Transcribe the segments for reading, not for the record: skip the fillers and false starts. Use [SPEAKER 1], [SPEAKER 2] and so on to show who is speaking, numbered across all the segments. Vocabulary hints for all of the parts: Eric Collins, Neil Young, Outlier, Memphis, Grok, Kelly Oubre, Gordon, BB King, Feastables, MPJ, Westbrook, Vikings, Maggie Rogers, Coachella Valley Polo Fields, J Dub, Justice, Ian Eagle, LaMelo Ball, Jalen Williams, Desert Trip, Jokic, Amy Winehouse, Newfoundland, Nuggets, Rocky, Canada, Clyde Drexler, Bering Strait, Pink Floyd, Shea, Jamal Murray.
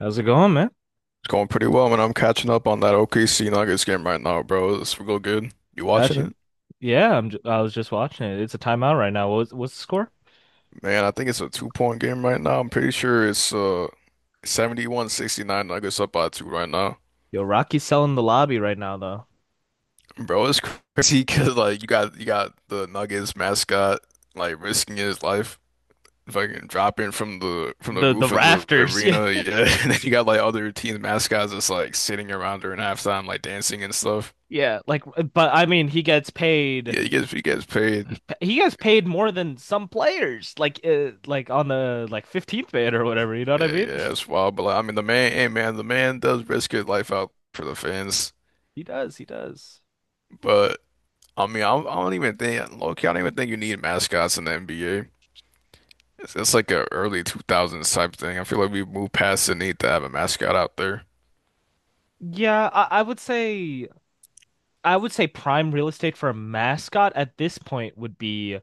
[SPEAKER 1] How's it going, man?
[SPEAKER 2] It's going pretty well, man. I'm catching up on that OKC Nuggets game right now, bro. It's real good. You watching
[SPEAKER 1] Got you.
[SPEAKER 2] it?
[SPEAKER 1] Yeah, I was just watching it. It's a timeout right now. What's the score?
[SPEAKER 2] Man, I think it's a two-point game right now. I'm pretty sure it's 71-69, Nuggets up by two right now.
[SPEAKER 1] Yo, Rocky's selling the lobby right now, though.
[SPEAKER 2] Bro, it's crazy because like you got the Nuggets mascot like risking his life, fucking dropping from the
[SPEAKER 1] The
[SPEAKER 2] roof of the
[SPEAKER 1] rafters. Yeah,
[SPEAKER 2] arena. Yeah, and then you got like other team mascots just like sitting around during halftime, like dancing and stuff.
[SPEAKER 1] yeah. But I mean, he gets paid.
[SPEAKER 2] Yeah, he gets paid.
[SPEAKER 1] He gets paid more than some players. Like on the like 15th man or whatever. You know what I
[SPEAKER 2] Yeah,
[SPEAKER 1] mean?
[SPEAKER 2] yeah, it's wild, but the man does risk his life out for the fans.
[SPEAKER 1] He does. He does.
[SPEAKER 2] But I mean, I don't even think, low key, I don't even think you need mascots in the NBA. It's like a early 2000s type thing. I feel like we've moved past the need to have a mascot out there.
[SPEAKER 1] Yeah, I, I would say I would say prime real estate for a mascot at this point would be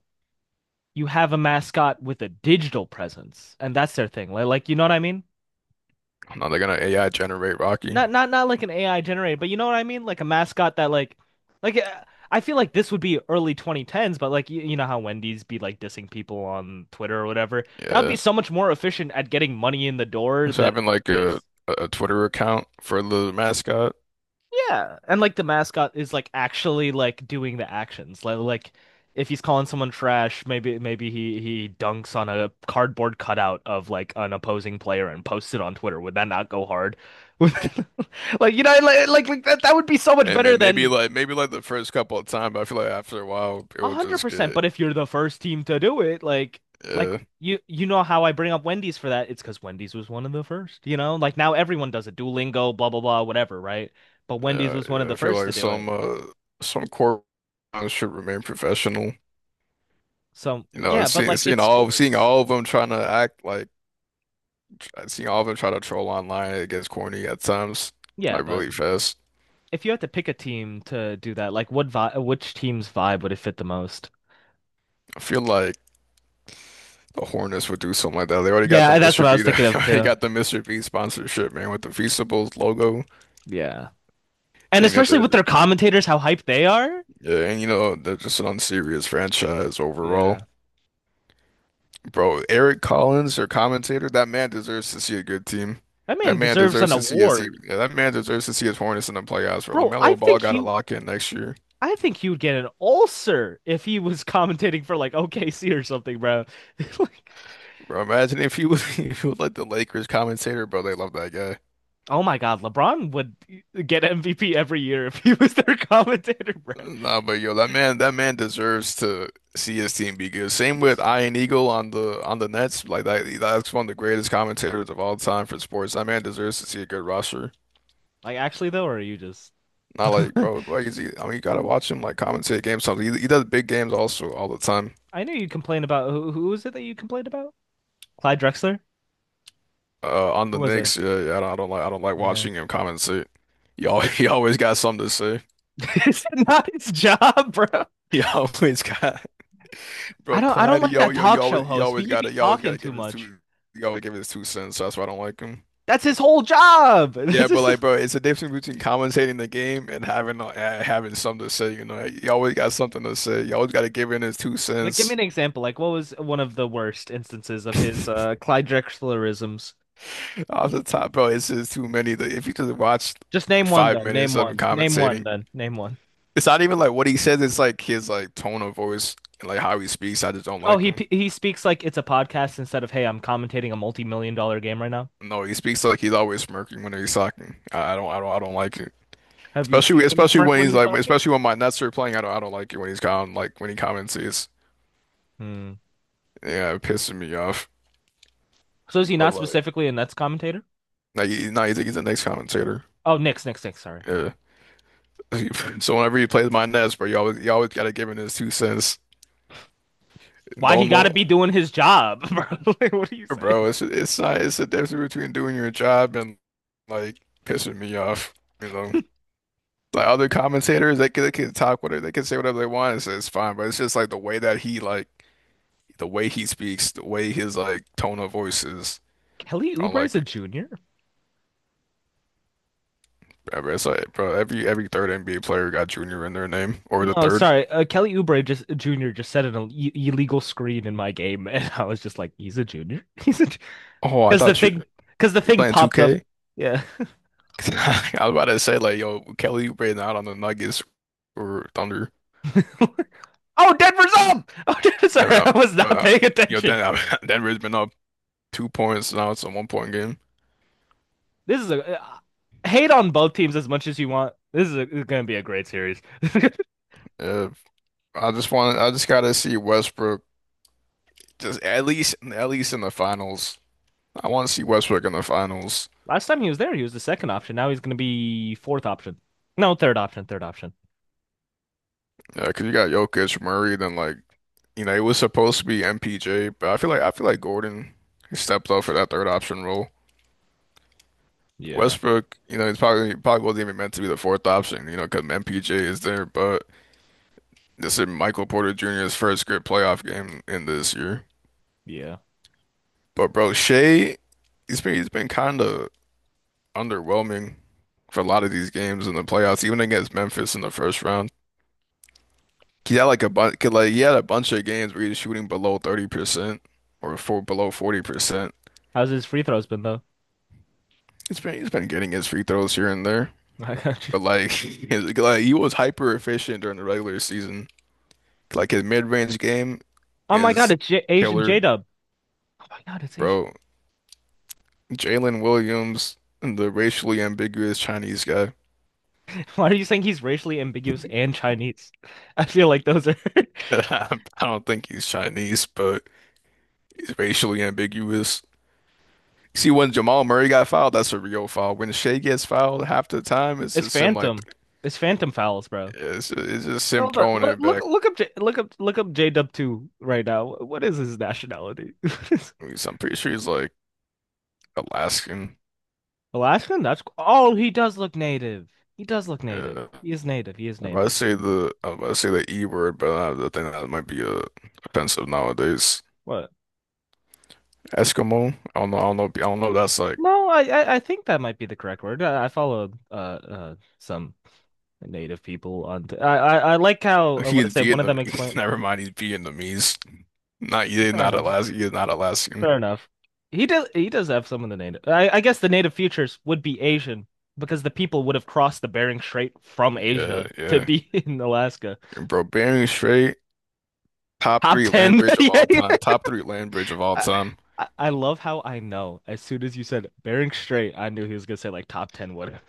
[SPEAKER 1] you have a mascot with a digital presence, and that's their thing. Like you know what I mean?
[SPEAKER 2] Now they're gonna AI generate Rocky.
[SPEAKER 1] Not like an AI generated, but you know what I mean? Like a mascot that like uh, I feel like this would be early 2010s, but you know how Wendy's be like dissing people on Twitter or whatever. That would be
[SPEAKER 2] Yeah,
[SPEAKER 1] so much more efficient at getting money in the door
[SPEAKER 2] so
[SPEAKER 1] than
[SPEAKER 2] having like a
[SPEAKER 1] this.
[SPEAKER 2] a Twitter account for the mascot.
[SPEAKER 1] Yeah, and like the mascot is like actually like doing the actions. Like if he's calling someone trash, maybe he dunks on a cardboard cutout of like an opposing player and posts it on Twitter. Would that not go hard? Like that would be so much
[SPEAKER 2] Hey
[SPEAKER 1] better
[SPEAKER 2] man, maybe
[SPEAKER 1] than
[SPEAKER 2] like maybe like the first couple of times, but I feel like after a while it will just
[SPEAKER 1] 100%,
[SPEAKER 2] get.
[SPEAKER 1] but if you're the first team to do it. Like
[SPEAKER 2] Yeah.
[SPEAKER 1] you know how I bring up Wendy's for that? It's because Wendy's was one of the first, you know? Like now everyone does it. Duolingo, blah blah blah, whatever, right? But Wendy's
[SPEAKER 2] Yeah,
[SPEAKER 1] was one of
[SPEAKER 2] yeah,
[SPEAKER 1] the
[SPEAKER 2] I feel
[SPEAKER 1] first to
[SPEAKER 2] like
[SPEAKER 1] do it.
[SPEAKER 2] some some corporate should remain professional.
[SPEAKER 1] So
[SPEAKER 2] You know,
[SPEAKER 1] yeah, but
[SPEAKER 2] seeing
[SPEAKER 1] like
[SPEAKER 2] seeing
[SPEAKER 1] it's
[SPEAKER 2] all seeing
[SPEAKER 1] sports.
[SPEAKER 2] all of them trying to act like seeing all of them try to troll online, it gets corny at times,
[SPEAKER 1] Yeah,
[SPEAKER 2] like
[SPEAKER 1] but
[SPEAKER 2] really fast.
[SPEAKER 1] if you had to pick a team to do that, like what vi which team's vibe would it fit the most?
[SPEAKER 2] I feel like the Hornets would do something like that. They already got the
[SPEAKER 1] Yeah, that's
[SPEAKER 2] Mr.
[SPEAKER 1] what I was
[SPEAKER 2] B, they
[SPEAKER 1] thinking of
[SPEAKER 2] already
[SPEAKER 1] too.
[SPEAKER 2] got the Mr. B sponsorship, man, with the Feastables logo.
[SPEAKER 1] Yeah. And
[SPEAKER 2] And, you know,
[SPEAKER 1] especially
[SPEAKER 2] they're,
[SPEAKER 1] with their commentators, how hyped they are.
[SPEAKER 2] yeah, and you know they're just an unserious franchise overall.
[SPEAKER 1] Yeah.
[SPEAKER 2] Bro, Eric Collins, your commentator, that man deserves to see a good team.
[SPEAKER 1] That man
[SPEAKER 2] That man
[SPEAKER 1] deserves
[SPEAKER 2] deserves
[SPEAKER 1] an
[SPEAKER 2] to see us. yeah,
[SPEAKER 1] award.
[SPEAKER 2] That man deserves to see his Hornets in the playoffs. Bro,
[SPEAKER 1] Bro, I
[SPEAKER 2] LaMelo Ball
[SPEAKER 1] think
[SPEAKER 2] got a
[SPEAKER 1] he
[SPEAKER 2] lock in next year.
[SPEAKER 1] I think he would get an ulcer if he was commentating for like OKC or something, bro. Like,
[SPEAKER 2] Bro, imagine if he was if he was like the Lakers commentator, bro. They love that guy.
[SPEAKER 1] oh my God, LeBron would get MVP every year if he was their commentator, bro.
[SPEAKER 2] Nah, but yo, that man deserves to see his team be good. Same with Ian Eagle on the Nets. That's one of the greatest commentators of all time for sports. That man deserves to see a good roster.
[SPEAKER 1] Like actually though, or are you just?
[SPEAKER 2] Not like, bro, like is he, I mean, you gotta watch him like commentate games. Something he does big games also all the time.
[SPEAKER 1] I know you complained about who was it that you complained about? Clyde Drexler?
[SPEAKER 2] On
[SPEAKER 1] Who
[SPEAKER 2] the
[SPEAKER 1] was it?
[SPEAKER 2] Knicks, yeah, yeah, I don't like
[SPEAKER 1] Yeah.
[SPEAKER 2] watching him compensate. He always, he always got something to say.
[SPEAKER 1] Is it not his job, bro?
[SPEAKER 2] He always got
[SPEAKER 1] I
[SPEAKER 2] Bro,
[SPEAKER 1] don't I don't
[SPEAKER 2] Clyde.
[SPEAKER 1] like that
[SPEAKER 2] You
[SPEAKER 1] talk show
[SPEAKER 2] always
[SPEAKER 1] host. He be
[SPEAKER 2] you always
[SPEAKER 1] talking
[SPEAKER 2] gotta
[SPEAKER 1] too
[SPEAKER 2] give his
[SPEAKER 1] much.
[SPEAKER 2] two you always give his two cents. That's why I don't like him.
[SPEAKER 1] That's his whole job.
[SPEAKER 2] Yeah,
[SPEAKER 1] That's
[SPEAKER 2] but
[SPEAKER 1] just
[SPEAKER 2] like, bro, it's a difference between commentating the game and having having something to say. You know, you always got something to say. You always gotta give in his two
[SPEAKER 1] like give me
[SPEAKER 2] cents.
[SPEAKER 1] an example. Like what was one of the worst instances of his Clyde Drexlerisms?
[SPEAKER 2] Off the top, bro, it's just too many. Like, if you just watch
[SPEAKER 1] Just name one
[SPEAKER 2] five
[SPEAKER 1] then. Name
[SPEAKER 2] minutes of him
[SPEAKER 1] one. Name one
[SPEAKER 2] commentating.
[SPEAKER 1] then. Name one.
[SPEAKER 2] It's not even like what he says, it's like his like tone of voice and like how he speaks. I just don't
[SPEAKER 1] Oh,
[SPEAKER 2] like him.
[SPEAKER 1] he speaks like it's a podcast instead of hey, I'm commentating a multi-million-dollar game right now.
[SPEAKER 2] No, he speaks like he's always smirking when he's talking. I don't like it.
[SPEAKER 1] Have you seen him
[SPEAKER 2] Especially
[SPEAKER 1] smirk
[SPEAKER 2] when
[SPEAKER 1] when
[SPEAKER 2] he's
[SPEAKER 1] he's
[SPEAKER 2] like
[SPEAKER 1] talking?
[SPEAKER 2] especially when my Nets are playing, I don't like it when he's comment like when he comments it's
[SPEAKER 1] Hmm.
[SPEAKER 2] yeah, it pisses me off.
[SPEAKER 1] So is he
[SPEAKER 2] But
[SPEAKER 1] not
[SPEAKER 2] like
[SPEAKER 1] specifically a Nets commentator?
[SPEAKER 2] no, he's the next commentator.
[SPEAKER 1] Oh, Knicks, Knicks. Sorry. Yeah.
[SPEAKER 2] Yeah. So whenever he plays my Nets, bro, you always gotta give him his two cents.
[SPEAKER 1] Why he
[SPEAKER 2] Don't
[SPEAKER 1] got to
[SPEAKER 2] know
[SPEAKER 1] be doing his job, bro? Like, what do you say?
[SPEAKER 2] bro, it's not it's the difference between doing your job and like pissing me off, you know. Like other commentators, they can talk whatever they can say whatever they want. It's fine, but it's just like the way that he like the way he speaks, the way his like tone of voice is.
[SPEAKER 1] Kelly
[SPEAKER 2] I don't
[SPEAKER 1] Oubre's
[SPEAKER 2] like
[SPEAKER 1] a
[SPEAKER 2] it.
[SPEAKER 1] junior?
[SPEAKER 2] Ever. It's like, bro, every third NBA player got Junior in their name or the
[SPEAKER 1] No,
[SPEAKER 2] third.
[SPEAKER 1] sorry. Kelly Oubre just junior just set an illegal screen in my game, and I was just like, he's a junior. He's a
[SPEAKER 2] Oh, I
[SPEAKER 1] because the
[SPEAKER 2] thought
[SPEAKER 1] thing because the
[SPEAKER 2] you
[SPEAKER 1] thing
[SPEAKER 2] playing
[SPEAKER 1] popped up.
[SPEAKER 2] 2K.
[SPEAKER 1] Yeah.
[SPEAKER 2] I was about to say like, yo, Kelly Oubre out on the Nuggets or Thunder.
[SPEAKER 1] Oh, Denver's up. Oh,
[SPEAKER 2] Then,
[SPEAKER 1] sorry,
[SPEAKER 2] um,
[SPEAKER 1] I was not
[SPEAKER 2] um,
[SPEAKER 1] paying
[SPEAKER 2] you know,
[SPEAKER 1] attention.
[SPEAKER 2] then Denver's been up 2 points now. It's a 1 point game.
[SPEAKER 1] This is a hate on both teams as much as you want. This is gonna be a great series.
[SPEAKER 2] Uh, I just gotta see Westbrook just at least in the finals. I want to see Westbrook in the finals.
[SPEAKER 1] Last time he was there, he was the second option. Now he's going to be fourth option. No, third option. Third option.
[SPEAKER 2] Yeah, because you got Jokic, Murray, then like you know it was supposed to be MPJ, but I feel like Gordon he stepped up for that third option role.
[SPEAKER 1] Yeah.
[SPEAKER 2] Westbrook, you know, he's probably wasn't even meant to be the fourth option, you know, because MPJ is there. But this is Michael Porter Jr.'s first good playoff game in this year.
[SPEAKER 1] Yeah.
[SPEAKER 2] But bro, Shea, he's been kind of underwhelming for a lot of these games in the playoffs, even against Memphis in the first round. He had like a bunch, like he had a bunch of games where he was shooting below 30% or for below 40%.
[SPEAKER 1] How's his free throws been though?
[SPEAKER 2] He's been getting his free throws here and there,
[SPEAKER 1] I got you.
[SPEAKER 2] but like, he was hyper efficient during the regular season. Like his mid-range game
[SPEAKER 1] Oh my God,
[SPEAKER 2] is
[SPEAKER 1] it's J
[SPEAKER 2] killer,
[SPEAKER 1] Dub. Oh my God, it's Asian.
[SPEAKER 2] bro. Jalen Williams, the racially ambiguous Chinese guy.
[SPEAKER 1] Why are you saying he's racially ambiguous and Chinese? I feel like those are.
[SPEAKER 2] I don't think he's Chinese, but he's racially ambiguous. See, when Jamal Murray got fouled, that's a real foul. When Shea gets fouled half the time, it's
[SPEAKER 1] It's
[SPEAKER 2] just him like
[SPEAKER 1] phantom. It's phantom fouls, bro.
[SPEAKER 2] It's just him
[SPEAKER 1] Hold on.
[SPEAKER 2] throwing
[SPEAKER 1] Look
[SPEAKER 2] it
[SPEAKER 1] look
[SPEAKER 2] back.
[SPEAKER 1] look up J Dub 2 right now. What is his nationality?
[SPEAKER 2] I'm pretty sure he's like Alaskan.
[SPEAKER 1] Alaskan? That's. Oh, he does look native. He does look native.
[SPEAKER 2] Yeah.
[SPEAKER 1] He is native. He is native. Native.
[SPEAKER 2] I'm about to say the E word, but I think that might be offensive nowadays.
[SPEAKER 1] What?
[SPEAKER 2] Eskimo. I don't know. I don't know. I don't know if that's like
[SPEAKER 1] No, I think that might be the correct word. I follow some native people on. I like how what I
[SPEAKER 2] he's
[SPEAKER 1] say? One of them explained.
[SPEAKER 2] Vietnamese. Never mind. He's Vietnamese. Not yeah.
[SPEAKER 1] Fair
[SPEAKER 2] Not
[SPEAKER 1] enough.
[SPEAKER 2] Alaskan. He's not Alaskan.
[SPEAKER 1] Fair enough. He does have some of the native. I guess the native futures would be Asian because the people would have crossed the Bering Strait from
[SPEAKER 2] Yeah.
[SPEAKER 1] Asia to
[SPEAKER 2] Yeah.
[SPEAKER 1] be in Alaska.
[SPEAKER 2] Bro, Bering Strait. Top
[SPEAKER 1] Top
[SPEAKER 2] three land
[SPEAKER 1] ten.
[SPEAKER 2] bridge of
[SPEAKER 1] Yeah,
[SPEAKER 2] all
[SPEAKER 1] yeah.
[SPEAKER 2] time. Top three land bridge of all
[SPEAKER 1] I,
[SPEAKER 2] time.
[SPEAKER 1] I love how I know as soon as you said Bering Strait, I knew he was gonna say like top ten whatever.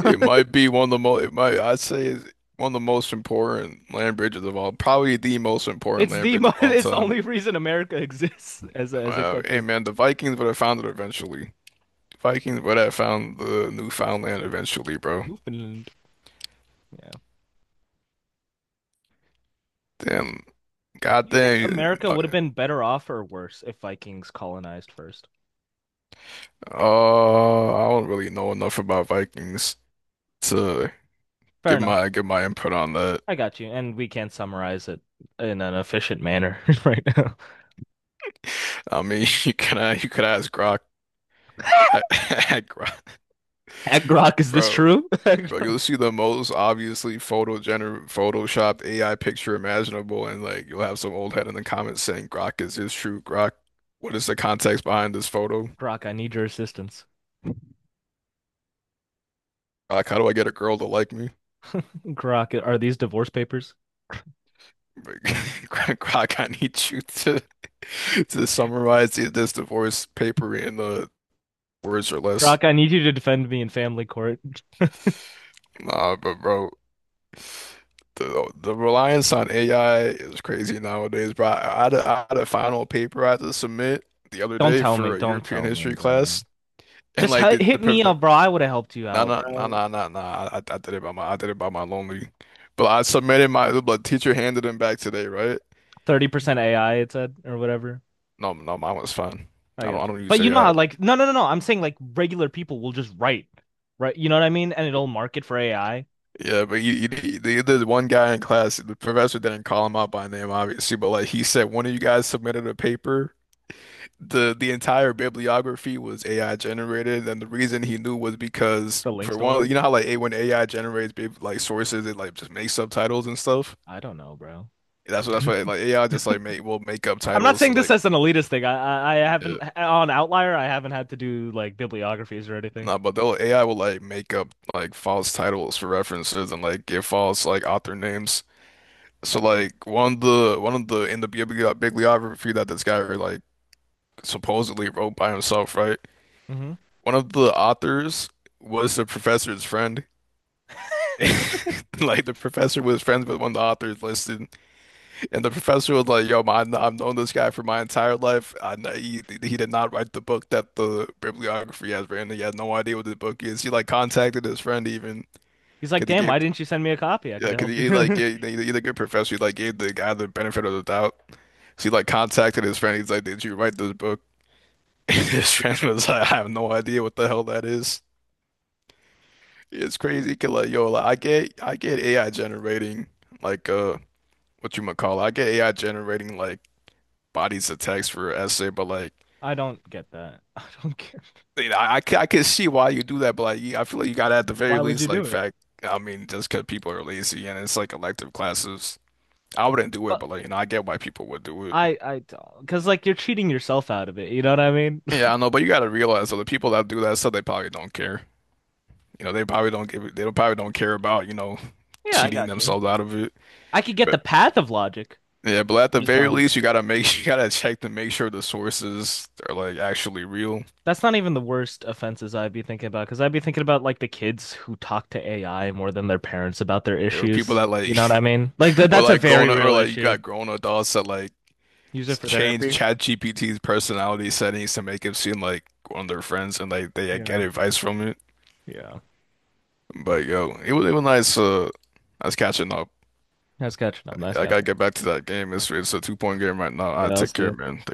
[SPEAKER 2] It might be one of the most, it might, I'd say it's one of the most important land bridges of all, probably the most important
[SPEAKER 1] It's
[SPEAKER 2] land
[SPEAKER 1] the
[SPEAKER 2] bridge
[SPEAKER 1] mo
[SPEAKER 2] of all
[SPEAKER 1] it's the
[SPEAKER 2] time.
[SPEAKER 1] only reason America exists as a country.
[SPEAKER 2] And man, the Vikings would have found it eventually. Vikings would have found the Newfoundland eventually, bro.
[SPEAKER 1] Newfoundland. Yeah.
[SPEAKER 2] Damn,
[SPEAKER 1] Do you think
[SPEAKER 2] goddamn.
[SPEAKER 1] America would have been better off or worse if Vikings colonized first?
[SPEAKER 2] I don't really know enough about Vikings to
[SPEAKER 1] Fair enough.
[SPEAKER 2] give my input on that.
[SPEAKER 1] I got you. And we can not summarize it in an efficient manner right now.
[SPEAKER 2] I mean, you could ask Grok, Grok,
[SPEAKER 1] At Grok, is this
[SPEAKER 2] bro.
[SPEAKER 1] true?
[SPEAKER 2] Bro, you'll see the most obviously Photoshop AI picture imaginable, and like you'll have some old head in the comments saying, "Grok, is this true? Grok, what is the context behind this photo?
[SPEAKER 1] Grok, I need your assistance.
[SPEAKER 2] Grok, how do I get a girl to like me?
[SPEAKER 1] Grok, are these divorce papers?
[SPEAKER 2] Like, Grok, I need you to to summarize this divorce paper in the words or less."
[SPEAKER 1] Grok, I need you to defend me in family court.
[SPEAKER 2] Nah, but bro, the reliance on AI is crazy nowadays, bro. I had a final paper I had to submit the other
[SPEAKER 1] Don't
[SPEAKER 2] day
[SPEAKER 1] tell me.
[SPEAKER 2] for a
[SPEAKER 1] Don't
[SPEAKER 2] European
[SPEAKER 1] tell me,
[SPEAKER 2] history
[SPEAKER 1] bro.
[SPEAKER 2] class. And
[SPEAKER 1] Just
[SPEAKER 2] like the
[SPEAKER 1] hit
[SPEAKER 2] per-
[SPEAKER 1] me
[SPEAKER 2] the
[SPEAKER 1] up, bro. I would have helped you
[SPEAKER 2] nah
[SPEAKER 1] out,
[SPEAKER 2] nah nah
[SPEAKER 1] bro.
[SPEAKER 2] nah nah nah. I did it by my lonely. But I submitted my the teacher handed them back today, right?
[SPEAKER 1] 30% AI, it said, or whatever.
[SPEAKER 2] No no mine was fine.
[SPEAKER 1] I
[SPEAKER 2] I
[SPEAKER 1] got you.
[SPEAKER 2] don't
[SPEAKER 1] But
[SPEAKER 2] use
[SPEAKER 1] you know
[SPEAKER 2] AI.
[SPEAKER 1] how like no no no no, I'm saying like regular people will just write, right? You know what I mean? And it'll market for AI.
[SPEAKER 2] Yeah, but the one guy in class, the professor didn't call him out by name, obviously, but like he said, one of you guys submitted a paper. The entire bibliography was AI generated, and the reason he knew was because
[SPEAKER 1] The links
[SPEAKER 2] for
[SPEAKER 1] don't
[SPEAKER 2] one, you
[SPEAKER 1] work.
[SPEAKER 2] know how like a when AI generates sources, it like just makes subtitles and stuff.
[SPEAKER 1] I don't know, bro.
[SPEAKER 2] That's what like AI just like make will make up
[SPEAKER 1] I'm not
[SPEAKER 2] titles to
[SPEAKER 1] saying this
[SPEAKER 2] like
[SPEAKER 1] as an elitist thing. I
[SPEAKER 2] yeah.
[SPEAKER 1] haven't on Outlier. I haven't had to do like bibliographies or anything.
[SPEAKER 2] Nah, but they'll AI will like make up like false titles for references and like give false like author names. So
[SPEAKER 1] Okay.
[SPEAKER 2] like one of the in the bibliography that this guy like supposedly wrote by himself, right?
[SPEAKER 1] Hmm.
[SPEAKER 2] One of the authors was the professor's friend. Like the professor was friends with one of the authors listed. And the professor was like, "Yo, man, I've known this guy for my entire life. I know he did not write the book that the bibliography has written. He has no idea what the book is. He like contacted his friend even
[SPEAKER 1] He's like,
[SPEAKER 2] because he
[SPEAKER 1] damn,
[SPEAKER 2] gave
[SPEAKER 1] why didn't you send me a copy? I
[SPEAKER 2] yeah,
[SPEAKER 1] could have
[SPEAKER 2] because
[SPEAKER 1] helped
[SPEAKER 2] he like
[SPEAKER 1] you.
[SPEAKER 2] gave he, he's a good professor. He like gave the guy the benefit of the doubt. So he like contacted his friend. He's like, 'Did you write this book?' And his friend was like, 'I have no idea what the hell that is.' It's crazy. 'Cause, like, yo, like, I get AI generating like what you might call it. I get AI generating like bodies of text for essay, but like.
[SPEAKER 1] I don't get that. I don't care.
[SPEAKER 2] You know, I can see why you do that, but like, you- I feel like you gotta at the very
[SPEAKER 1] Why would you
[SPEAKER 2] least
[SPEAKER 1] do
[SPEAKER 2] like
[SPEAKER 1] it?
[SPEAKER 2] fact. I mean, just because people are lazy and it's like elective classes, I wouldn't do it,
[SPEAKER 1] But
[SPEAKER 2] but like, you know, I get why people would do it.
[SPEAKER 1] I I don't, because like you're cheating yourself out of it. You know what I mean?
[SPEAKER 2] Yeah, I know, but you gotta realize that the people that do that stuff, they probably don't care. You know, they probably don't give, they don't probably don't care about, you know,
[SPEAKER 1] Yeah, I
[SPEAKER 2] cheating
[SPEAKER 1] got you.
[SPEAKER 2] themselves out of it.
[SPEAKER 1] I could get the
[SPEAKER 2] But
[SPEAKER 1] path of logic.
[SPEAKER 2] yeah, but at
[SPEAKER 1] I
[SPEAKER 2] the
[SPEAKER 1] just
[SPEAKER 2] very
[SPEAKER 1] don't.
[SPEAKER 2] least, you gotta make, you gotta check to make sure the sources are like actually real.
[SPEAKER 1] That's not even the worst offenses I'd be thinking about, because I'd be thinking about like the kids who talk to AI more than their parents about their
[SPEAKER 2] There are people
[SPEAKER 1] issues.
[SPEAKER 2] that
[SPEAKER 1] You
[SPEAKER 2] like,
[SPEAKER 1] know what I mean? Like th
[SPEAKER 2] or
[SPEAKER 1] that's a
[SPEAKER 2] like grown
[SPEAKER 1] very
[SPEAKER 2] up, or
[SPEAKER 1] real
[SPEAKER 2] like you
[SPEAKER 1] issue.
[SPEAKER 2] got grown adults that like
[SPEAKER 1] Use it for
[SPEAKER 2] change
[SPEAKER 1] therapy.
[SPEAKER 2] ChatGPT's personality settings to make him seem like one of their friends, and like they
[SPEAKER 1] You
[SPEAKER 2] get
[SPEAKER 1] know?
[SPEAKER 2] advice from it.
[SPEAKER 1] Yeah.
[SPEAKER 2] But yo, it was nice. I was catching up.
[SPEAKER 1] Nice catching up. Nice
[SPEAKER 2] I gotta
[SPEAKER 1] catching up.
[SPEAKER 2] get back to that game. It's a 2 point game right now. I
[SPEAKER 1] Yeah, I'll
[SPEAKER 2] take
[SPEAKER 1] see
[SPEAKER 2] care,
[SPEAKER 1] you.
[SPEAKER 2] man.